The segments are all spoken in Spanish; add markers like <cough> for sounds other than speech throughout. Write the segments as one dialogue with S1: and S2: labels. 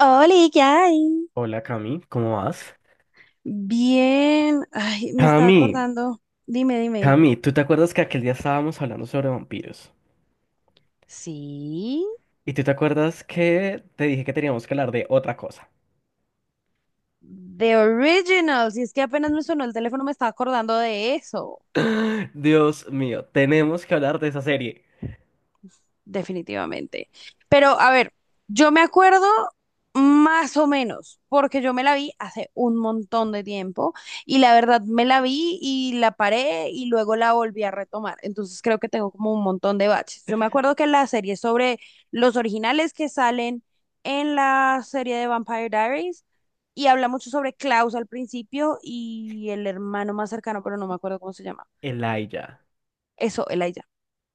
S1: Hola, ¿qué hay?
S2: Hola Cami, ¿cómo vas?
S1: Bien, ay, me estaba
S2: Cami,
S1: acordando. Dime, dime.
S2: ¿Tú te acuerdas que aquel día estábamos hablando sobre vampiros?
S1: Sí,
S2: ¿Y tú te acuerdas que te dije que teníamos que hablar de otra cosa?
S1: The Original. Si es que apenas me sonó el teléfono, me estaba acordando de eso.
S2: <gasps> Dios mío, tenemos que hablar de esa serie,
S1: Definitivamente. Pero a ver, yo me acuerdo más o menos, porque yo me la vi hace un montón de tiempo y la verdad me la vi y la paré y luego la volví a retomar. Entonces creo que tengo como un montón de baches. Yo me acuerdo que la serie sobre los originales que salen en la serie de Vampire Diaries y habla mucho sobre Klaus al principio y el hermano más cercano, pero no me acuerdo cómo se llama.
S2: Elijah.
S1: Eso, Elijah.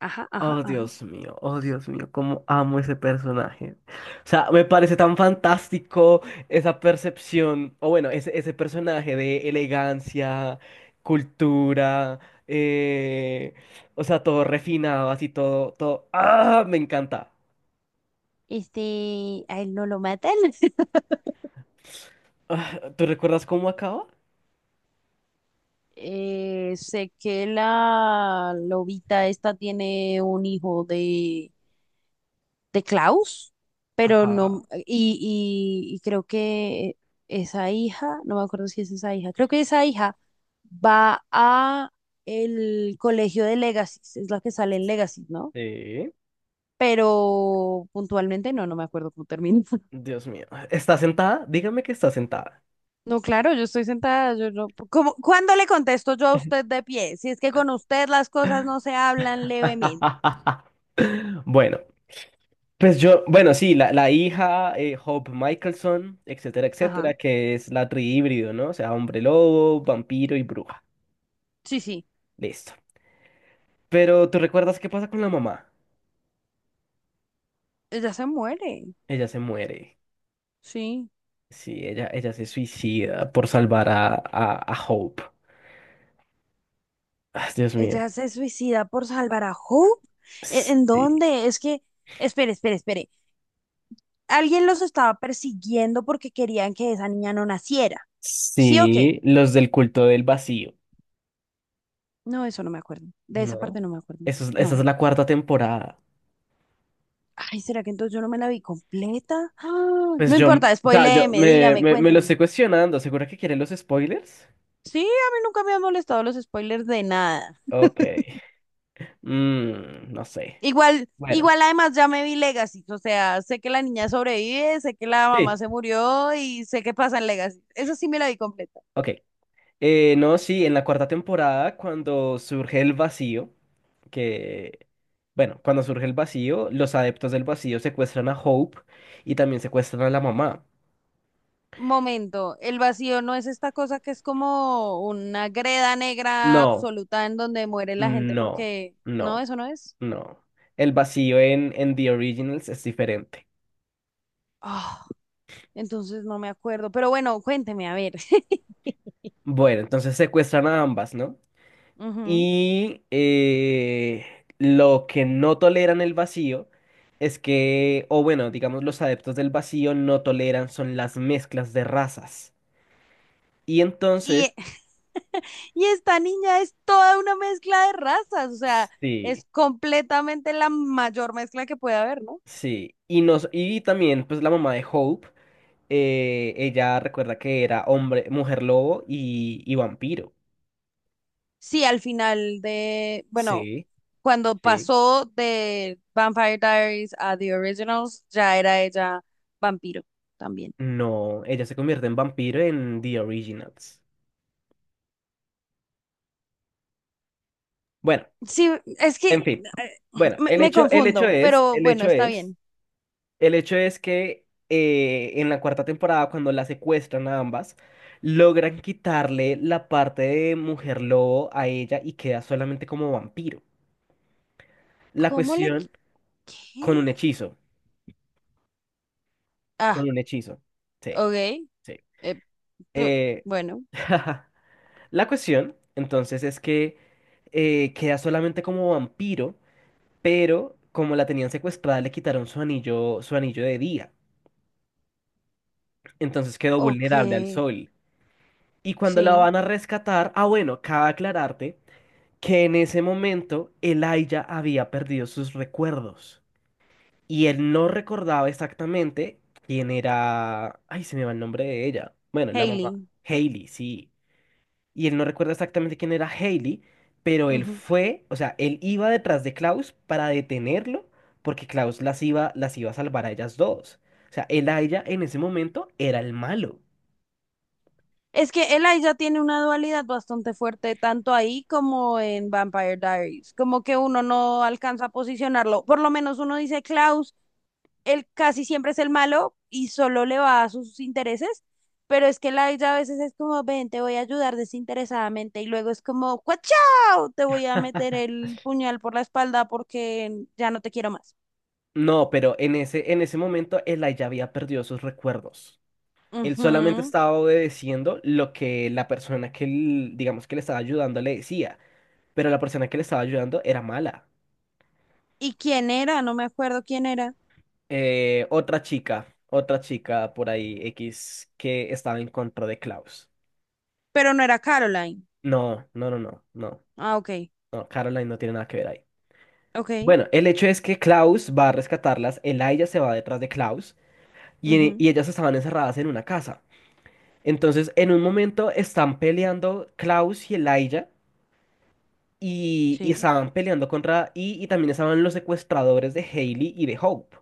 S1: Ajá, ajá, ajá.
S2: Oh, Dios mío, cómo amo ese personaje. O sea, me parece tan fantástico esa percepción, o bueno, ese personaje de elegancia, cultura, eh, o sea, todo refinado, así todo, todo. ¡Ah! Me encanta.
S1: Este, a él no lo matan. <laughs>
S2: Ah, ¿tú recuerdas cómo acaba?
S1: Sé que la lobita esta tiene un hijo de Klaus, pero
S2: Ajá.
S1: no, y creo que esa hija, no me acuerdo si es esa hija, creo que esa hija va a el colegio de Legacy, es la que sale en Legacy, ¿no?
S2: Sí.
S1: Pero puntualmente no, no me acuerdo cómo termina.
S2: Dios mío. ¿Está sentada? Dígame que está sentada.
S1: No, claro, yo estoy sentada, yo no. ¿Cuándo le contesto yo a usted de pie? Si es que con usted las cosas no se hablan levemente.
S2: <laughs> Bueno. Pues yo, bueno, sí, la hija, Hope Michelson, etcétera,
S1: Ajá.
S2: etcétera, que es la trihíbrido, ¿no? O sea, hombre lobo, vampiro y bruja.
S1: Sí, sí.
S2: Listo. Pero ¿tú recuerdas qué pasa con la mamá?
S1: Ella se muere.
S2: Ella se muere.
S1: Sí.
S2: Sí, ella se suicida por salvar a Hope. Ah, Dios mío.
S1: Ella se suicida por salvar a Hope. ¿En
S2: Sí.
S1: dónde? Es que, espere, espere, espere. Alguien los estaba persiguiendo porque querían que esa niña no naciera. ¿Sí o qué?
S2: Sí, los del culto del vacío,
S1: No, eso no me acuerdo. De esa
S2: ¿no?
S1: parte no me acuerdo.
S2: Esa
S1: No.
S2: es la cuarta temporada.
S1: Ay, ¿será que entonces yo no me la vi completa? ¡Ah!
S2: Pues
S1: No
S2: yo,
S1: importa,
S2: o sea, yo
S1: spoiléeme,
S2: me,
S1: dígame,
S2: me, me lo
S1: cuénteme.
S2: estoy cuestionando. ¿Segura que quieren los spoilers?
S1: Sí, a mí nunca me han molestado los spoilers de nada.
S2: Ok. Mm, no sé.
S1: Igual,
S2: Bueno,
S1: igual además ya me vi Legacy, o sea, sé que la niña sobrevive, sé que la mamá
S2: sí,
S1: se murió y sé qué pasa en Legacy. Eso sí me la vi completa.
S2: ok. No, sí, en la cuarta temporada, cuando surge el vacío, que, bueno, cuando surge el vacío, los adeptos del vacío secuestran a Hope y también secuestran a la mamá.
S1: Momento, el vacío no es esta cosa que es como una greda negra
S2: No,
S1: absoluta en donde muere la gente
S2: no,
S1: porque no,
S2: no,
S1: eso no es.
S2: no. El vacío en The Originals es diferente.
S1: Ah, entonces no me acuerdo, pero bueno, cuénteme, a ver. <laughs>
S2: Bueno, entonces secuestran a ambas, ¿no?
S1: Ujú.
S2: Y lo que no toleran el vacío es que, o bueno, digamos, los adeptos del vacío no toleran son las mezclas de razas. Y entonces,
S1: Y <laughs> Y esta niña es toda una mezcla de razas, o sea,
S2: sí,
S1: es completamente la mayor mezcla que puede haber, ¿no?
S2: sí. Y, nos, y también, pues la mamá de Hope, ella recuerda que era hombre, mujer lobo y vampiro.
S1: Sí, al final de, bueno,
S2: Sí,
S1: cuando
S2: sí.
S1: pasó de Vampire Diaries a The Originals, ya era ella vampiro también.
S2: No, ella se convierte en vampiro en The Originals. Bueno,
S1: Sí, es
S2: en
S1: que
S2: fin. Bueno,
S1: me, me confundo, pero
S2: el
S1: bueno,
S2: hecho
S1: está
S2: es.
S1: bien.
S2: El hecho es que en la cuarta temporada, cuando la secuestran a ambas, logran quitarle la parte de mujer lobo a ella y queda solamente como vampiro. La
S1: ¿Cómo le...
S2: cuestión
S1: qui-
S2: con
S1: ¿Qué?
S2: un hechizo, con
S1: Ah,
S2: un hechizo. Sí,
S1: ok.
S2: sí.
S1: eh, p-
S2: Eh,
S1: bueno,
S2: <laughs> la cuestión, entonces, es que queda solamente como vampiro, pero como la tenían secuestrada, le quitaron su anillo de día. Entonces quedó
S1: ok,
S2: vulnerable al sol. Y cuando la
S1: sí,
S2: van a rescatar, ah, bueno, cabe aclararte que en ese momento Elijah había perdido sus recuerdos y él no recordaba exactamente quién era. Ay, se me va el nombre de ella. Bueno, la mamá.
S1: Hailey.
S2: Hailey, sí. Y él no recuerda exactamente quién era Hailey, pero él fue, o sea, él iba detrás de Klaus para detenerlo porque Klaus las iba a salvar a ellas dos. O sea, Elijah en ese momento era el malo.
S1: Es que Elijah tiene una dualidad bastante fuerte, tanto ahí como en Vampire Diaries. Como que uno no alcanza a posicionarlo. Por lo menos uno dice Klaus, él casi siempre es el malo y solo le va a sus intereses. Pero es que Elijah a veces es como, ven, te voy a ayudar desinteresadamente. Y luego es como, ¡cuachao! Te voy a meter el puñal por la espalda porque ya no te quiero más.
S2: No, pero en en ese momento Eli había perdido sus recuerdos. Él solamente
S1: Ujú.
S2: estaba obedeciendo lo que la persona que, l- digamos, que le estaba ayudando le decía, pero la persona que le estaba ayudando era mala.
S1: ¿Y quién era? No me acuerdo quién era.
S2: Otra chica por ahí, X, que estaba en contra de Klaus.
S1: Pero no era Caroline.
S2: No, no, no, no, no,
S1: Ah, ok.
S2: no, Caroline no tiene nada que ver ahí.
S1: Ok.
S2: Bueno, el hecho es que Klaus va a rescatarlas, Eli se va detrás de Klaus y
S1: Ujú.
S2: ellas estaban encerradas en una casa. Entonces, en un momento están peleando Klaus y Elijah y
S1: Sí.
S2: estaban peleando contra y también estaban los secuestradores de Hailey y de Hope.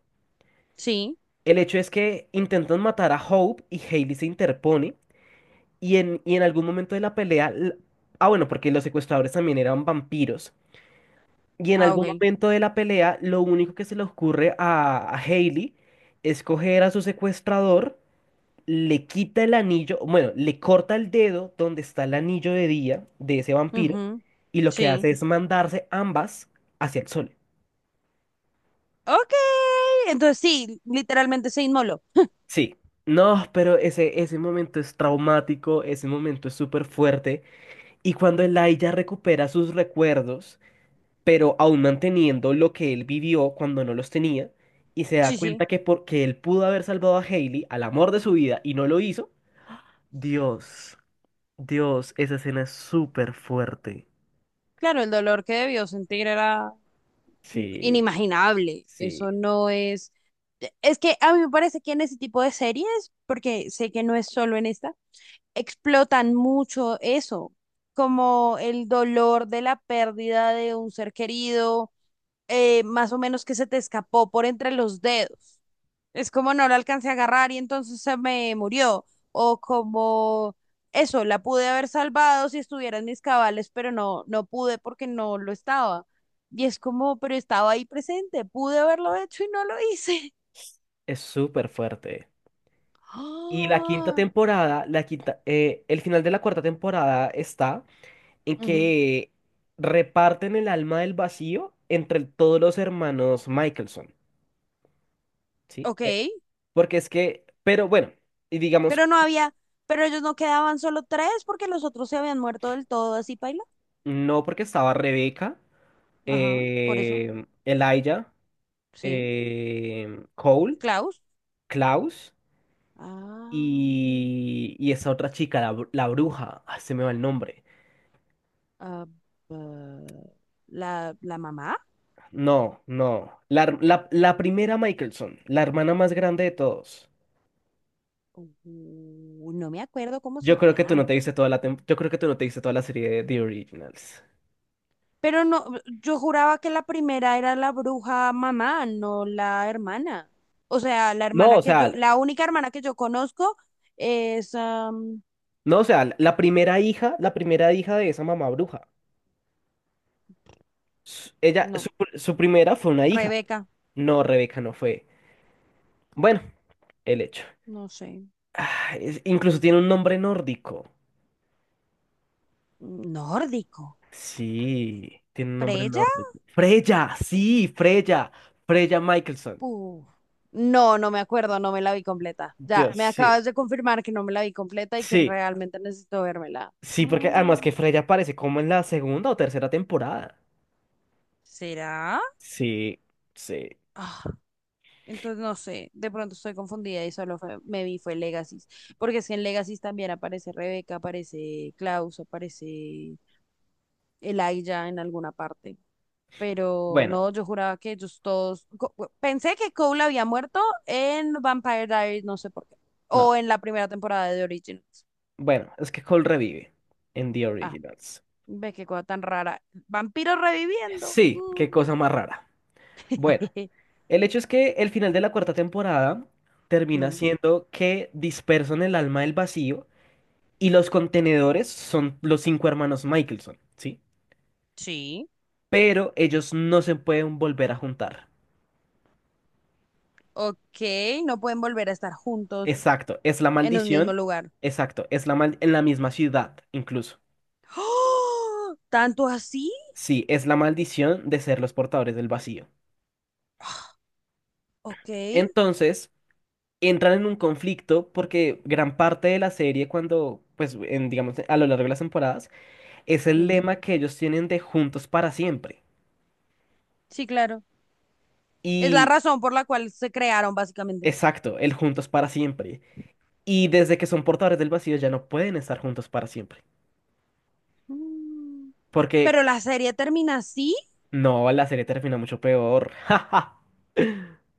S1: Sí.
S2: El hecho es que intentan matar a Hope y Hailey se interpone y y en algún momento de la pelea, l- ah bueno, porque los secuestradores también eran vampiros. Y en
S1: Ah,
S2: algún
S1: ok.
S2: momento de la pelea, lo único que se le ocurre a Hailey es coger a su secuestrador, le quita el anillo, bueno, le corta el dedo donde está el anillo de día de ese vampiro
S1: Ujú.
S2: y lo que
S1: Sí.
S2: hace es mandarse ambas hacia el sol.
S1: Ok. Entonces sí, literalmente se inmoló.
S2: Sí. No, pero ese momento es traumático, ese momento es súper fuerte y cuando Eli ya recupera sus recuerdos, pero aún manteniendo lo que él vivió cuando no los tenía y se da
S1: Sí, sí.
S2: cuenta que porque él pudo haber salvado a Hailey, al amor de su vida, y no lo hizo, Dios, Dios, esa escena es súper fuerte.
S1: Claro, el dolor que debió sentir era
S2: Sí,
S1: inimaginable.
S2: sí,
S1: Eso no es... Es que a mí me parece que en ese tipo de series, porque sé que no es solo en esta, explotan mucho eso, como el dolor de la pérdida de un ser querido, más o menos que se te escapó por entre los dedos. Es como no la alcancé a agarrar y entonces se me murió. O como eso, la pude haber salvado si estuviera en mis cabales, pero no, no pude porque no lo estaba. Y es como, pero estaba ahí presente, pude haberlo hecho y no lo hice. <laughs>
S2: es súper fuerte. Y la quinta
S1: Ah,
S2: temporada, la quinta, el final de la cuarta temporada está en
S1: ujú.
S2: que reparten el alma del vacío entre todos los hermanos Michelson, ¿sí?
S1: Ok,
S2: Porque es que, pero bueno, y digamos,
S1: pero no había, pero ellos no quedaban solo tres porque los otros se habían muerto del todo, así paila.
S2: no porque estaba Rebeca,
S1: Ajá, por eso,
S2: Elijah,
S1: sí.
S2: Cole,
S1: Klaus.
S2: Klaus
S1: Ah,
S2: y esa otra chica, la, br- la bruja, ah, se me va el nombre.
S1: ah, bah, la mamá.
S2: No, no. La, her- la primera Michelson, la hermana más grande de todos.
S1: No me acuerdo cómo
S2: Yo
S1: se
S2: creo que tú no te viste
S1: llama.
S2: toda la tem- yo creo que tú no te viste toda la serie de The Originals.
S1: Pero no, yo juraba que la primera era la bruja mamá, no la hermana. O sea, la
S2: No,
S1: hermana
S2: o
S1: que
S2: sea,
S1: yo,
S2: l-
S1: la única hermana que yo conozco es,
S2: no, o sea, l- la primera hija de esa mamá bruja. S- Ella, su,
S1: no,
S2: pr- su primera fue una hija.
S1: Rebeca,
S2: No, Rebeca no fue. Bueno, el hecho.
S1: no sé,
S2: Ah, es- incluso tiene un nombre nórdico.
S1: nórdico.
S2: Sí, tiene un nombre
S1: ¿Preya?
S2: nórdico. Freya, sí, Freya. Freya Michelson.
S1: Uf, no, no me acuerdo, no me la vi completa. Ya,
S2: Dios,
S1: me acabas
S2: sí.
S1: de confirmar que no me la vi completa y que
S2: Sí.
S1: realmente necesito vérmela.
S2: Sí, porque
S1: Ah,
S2: además que Freya aparece como en la segunda o tercera temporada.
S1: ¿será?
S2: Sí, sí.
S1: Entonces, no sé, de pronto estoy confundida y solo me vi fue Legacy. Porque es que en Legacy también aparece Rebeca, aparece Klaus, aparece Elijah en alguna parte. Pero
S2: Bueno,
S1: no, yo juraba que ellos todos. Pensé que Cole había muerto en Vampire Diaries, no sé por qué.
S2: no.
S1: O en la primera temporada de The Originals.
S2: Bueno, es que Cole revive en The
S1: Ah,
S2: Originals.
S1: ve qué cosa tan rara. Vampiros reviviendo.
S2: Sí, qué
S1: Mm.
S2: cosa más rara. Bueno,
S1: <laughs>
S2: el hecho es que el final de la cuarta temporada termina
S1: Mm,
S2: siendo que dispersan el alma del vacío y los contenedores son los cinco hermanos Michelson, ¿sí?
S1: sí.
S2: Pero ellos no se pueden volver a juntar.
S1: Ok, no pueden volver a estar juntos
S2: Exacto, es la
S1: en un mismo
S2: maldición.
S1: lugar.
S2: Exacto, es la mal en la misma ciudad, incluso.
S1: ¡Ah! ¿Tanto así?
S2: Sí, es la maldición de ser los portadores del vacío.
S1: Ok,
S2: Entonces, entran en un conflicto porque gran parte de la serie, cuando, pues, en, digamos, a lo largo de las temporadas, es el
S1: sí.
S2: lema que ellos tienen de juntos para siempre.
S1: Sí, claro. Es la
S2: Y,
S1: razón por la cual se crearon, básicamente.
S2: exacto, el juntos para siempre. Y desde que son portadores del vacío ya no pueden estar juntos para siempre.
S1: Mm,
S2: Porque,
S1: Pero la serie termina así,
S2: no, la serie termina mucho peor. <laughs> ¡Ja, ja!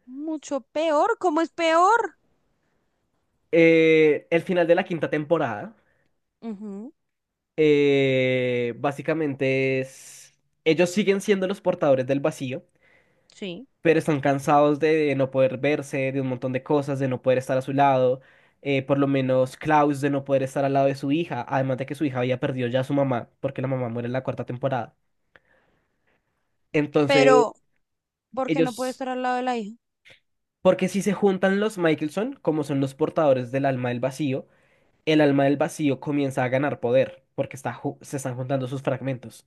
S1: mucho peor. ¿Cómo es peor?
S2: El final de la quinta temporada.
S1: Ujú,
S2: Básicamente es, ellos siguen siendo los portadores del vacío,
S1: sí.
S2: pero están cansados de no poder verse, de un montón de cosas, de no poder estar a su lado, por lo menos Klaus de no poder estar al lado de su hija, además de que su hija había perdido ya a su mamá, porque la mamá muere en la cuarta temporada. Entonces,
S1: Pero, ¿por qué no puede
S2: ellos,
S1: estar al lado de la hija?
S2: porque si se juntan los Michelson, como son los portadores del alma del vacío, el alma del vacío comienza a ganar poder, porque está, ju- se están juntando sus fragmentos.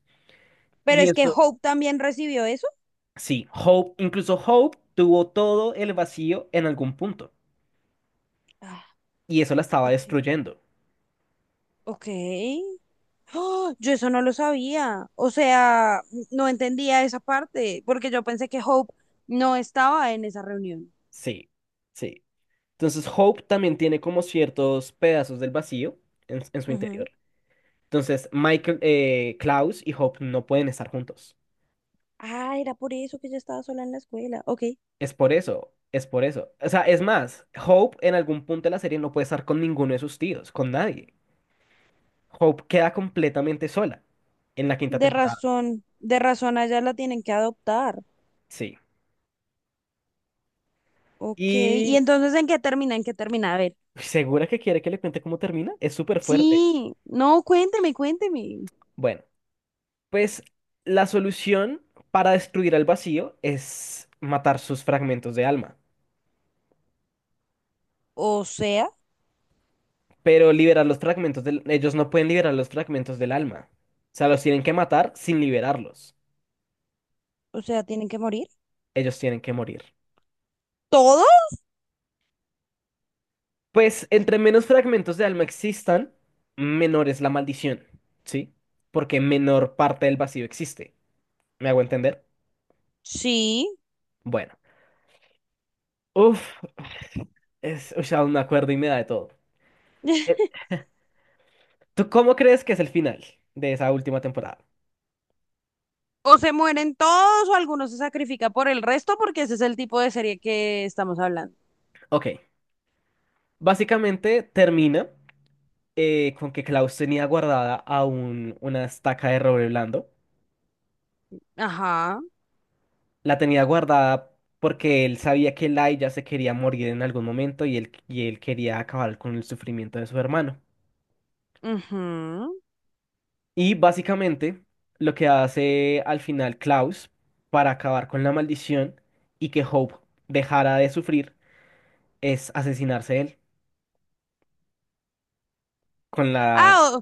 S1: Pero
S2: Y
S1: es que
S2: eso
S1: Hope también recibió eso.
S2: sí, Hope, incluso Hope tuvo todo el vacío en algún punto
S1: Ah,
S2: y eso la estaba
S1: ok.
S2: destruyendo.
S1: Ok. ¡Ah! Yo eso no lo sabía. O sea, no entendía esa parte, porque yo pensé que Hope no estaba en esa reunión.
S2: Sí, sí. Entonces Hope también tiene como ciertos pedazos del vacío en su
S1: Ujú.
S2: interior. Entonces Michael, Klaus y Hope no pueden estar juntos.
S1: Ah, era por eso que ella estaba sola en la escuela. Ok,
S2: Es por eso, es por eso. O sea, es más, Hope en algún punto de la serie no puede estar con ninguno de sus tíos, con nadie. Hope queda completamente sola en la quinta temporada.
S1: de razón allá la tienen que adoptar.
S2: Sí.
S1: Ok, ¿y
S2: Y
S1: entonces en qué termina? ¿En qué termina? A ver.
S2: segura que quiere que le cuente cómo termina. Es súper fuerte.
S1: Sí, no, cuénteme, cuénteme.
S2: Bueno, pues la solución para destruir al vacío es matar sus fragmentos de alma.
S1: O sea,
S2: Pero liberar los fragmentos del... Ellos no pueden liberar los fragmentos del alma. O sea, los tienen que matar sin liberarlos.
S1: o sea, ¿tienen que morir?
S2: Ellos tienen que morir.
S1: ¿Todos?
S2: Pues entre menos fragmentos de alma existan, menor es la maldición, ¿sí? Porque menor parte del vacío existe. ¿Me hago entender?
S1: Sí.
S2: Bueno. Uf, es... O sea, aún me acuerdo y me da de todo. Eh,
S1: <laughs>
S2: ¿Tú cómo crees que es el final de esa última temporada?
S1: O se mueren todos o algunos se sacrifica por el resto porque ese es el tipo de serie que estamos hablando.
S2: Ok. Básicamente termina con que Klaus tenía guardada aún una estaca de roble blando.
S1: Ajá.
S2: La tenía guardada porque él sabía que Lai ya se quería morir en algún momento y y él quería acabar con el sufrimiento de su hermano.
S1: Ujú.
S2: Y básicamente lo que hace al final Klaus para acabar con la maldición y que Hope dejara de sufrir es asesinarse él con la...
S1: Ah,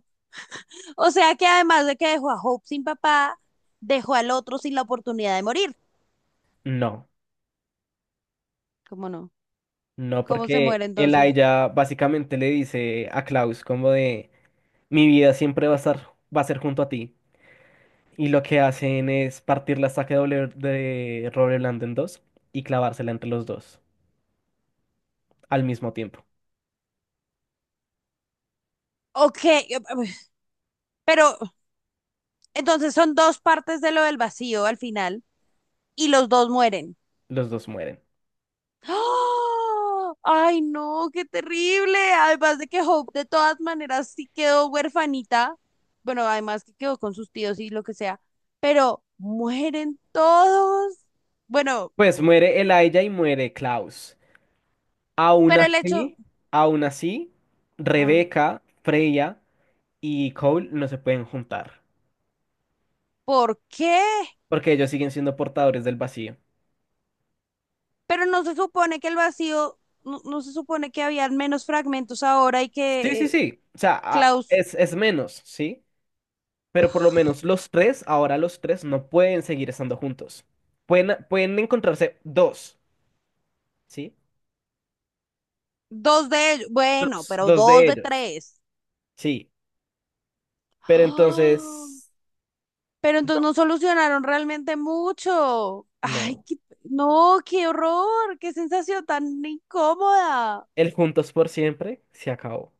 S1: o sea que además de que dejó a Hope sin papá, dejó al otro sin la oportunidad de morir.
S2: No,
S1: ¿Cómo no?
S2: no,
S1: ¿Cómo se
S2: porque
S1: muere entonces?
S2: Elijah básicamente le dice a Klaus como de... Mi vida siempre va a estar, va a ser junto a ti. Y lo que hacen es partir la estaca de doble- de Robert Land en dos y clavársela entre los dos al mismo tiempo.
S1: Ok, pero entonces son dos partes de lo del vacío al final y los dos mueren.
S2: Los dos mueren.
S1: ¡Ah! ¡Ay, no! ¡Qué terrible! Además de que Hope de todas maneras sí quedó huerfanita. Bueno, además que quedó con sus tíos y lo que sea. Pero mueren todos. Bueno,
S2: Pues muere Elijah y muere Klaus. Aún
S1: pero el hecho...
S2: así, aún así,
S1: Ah,
S2: Rebeca, Freya y Cole no se pueden juntar.
S1: ¿por qué?
S2: Porque ellos siguen siendo portadores del vacío.
S1: Pero no se supone que el vacío... No, no se supone que habían menos fragmentos ahora y
S2: Sí,
S1: que
S2: sí, sí. O sea, a-
S1: Klaus,
S2: es menos, ¿sí? Pero por lo menos los tres, ahora los tres no pueden seguir estando juntos. Pueden, pueden encontrarse dos, ¿sí?
S1: dos de ellos, bueno,
S2: Dos,
S1: pero
S2: dos
S1: dos
S2: de
S1: de
S2: ellos,
S1: tres.
S2: sí. Pero
S1: ¡Ah!
S2: entonces,
S1: Pero entonces
S2: no.
S1: no solucionaron realmente mucho. Ay,
S2: No.
S1: no, qué horror, qué sensación tan incómoda.
S2: El juntos por siempre se acabó.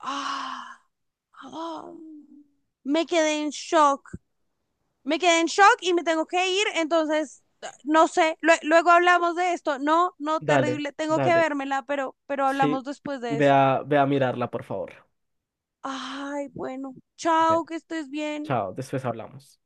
S1: Ah, ah. Me quedé en shock. Me quedé en shock y me tengo que ir, entonces no sé, luego hablamos de esto. No, no,
S2: Dale,
S1: terrible, tengo que
S2: dale.
S1: vérmela, pero
S2: Sí.
S1: hablamos después de
S2: Ve
S1: eso.
S2: a, ve a mirarla, por favor.
S1: Ay, bueno,
S2: Ve.
S1: chao, que estés bien.
S2: Chao, después hablamos.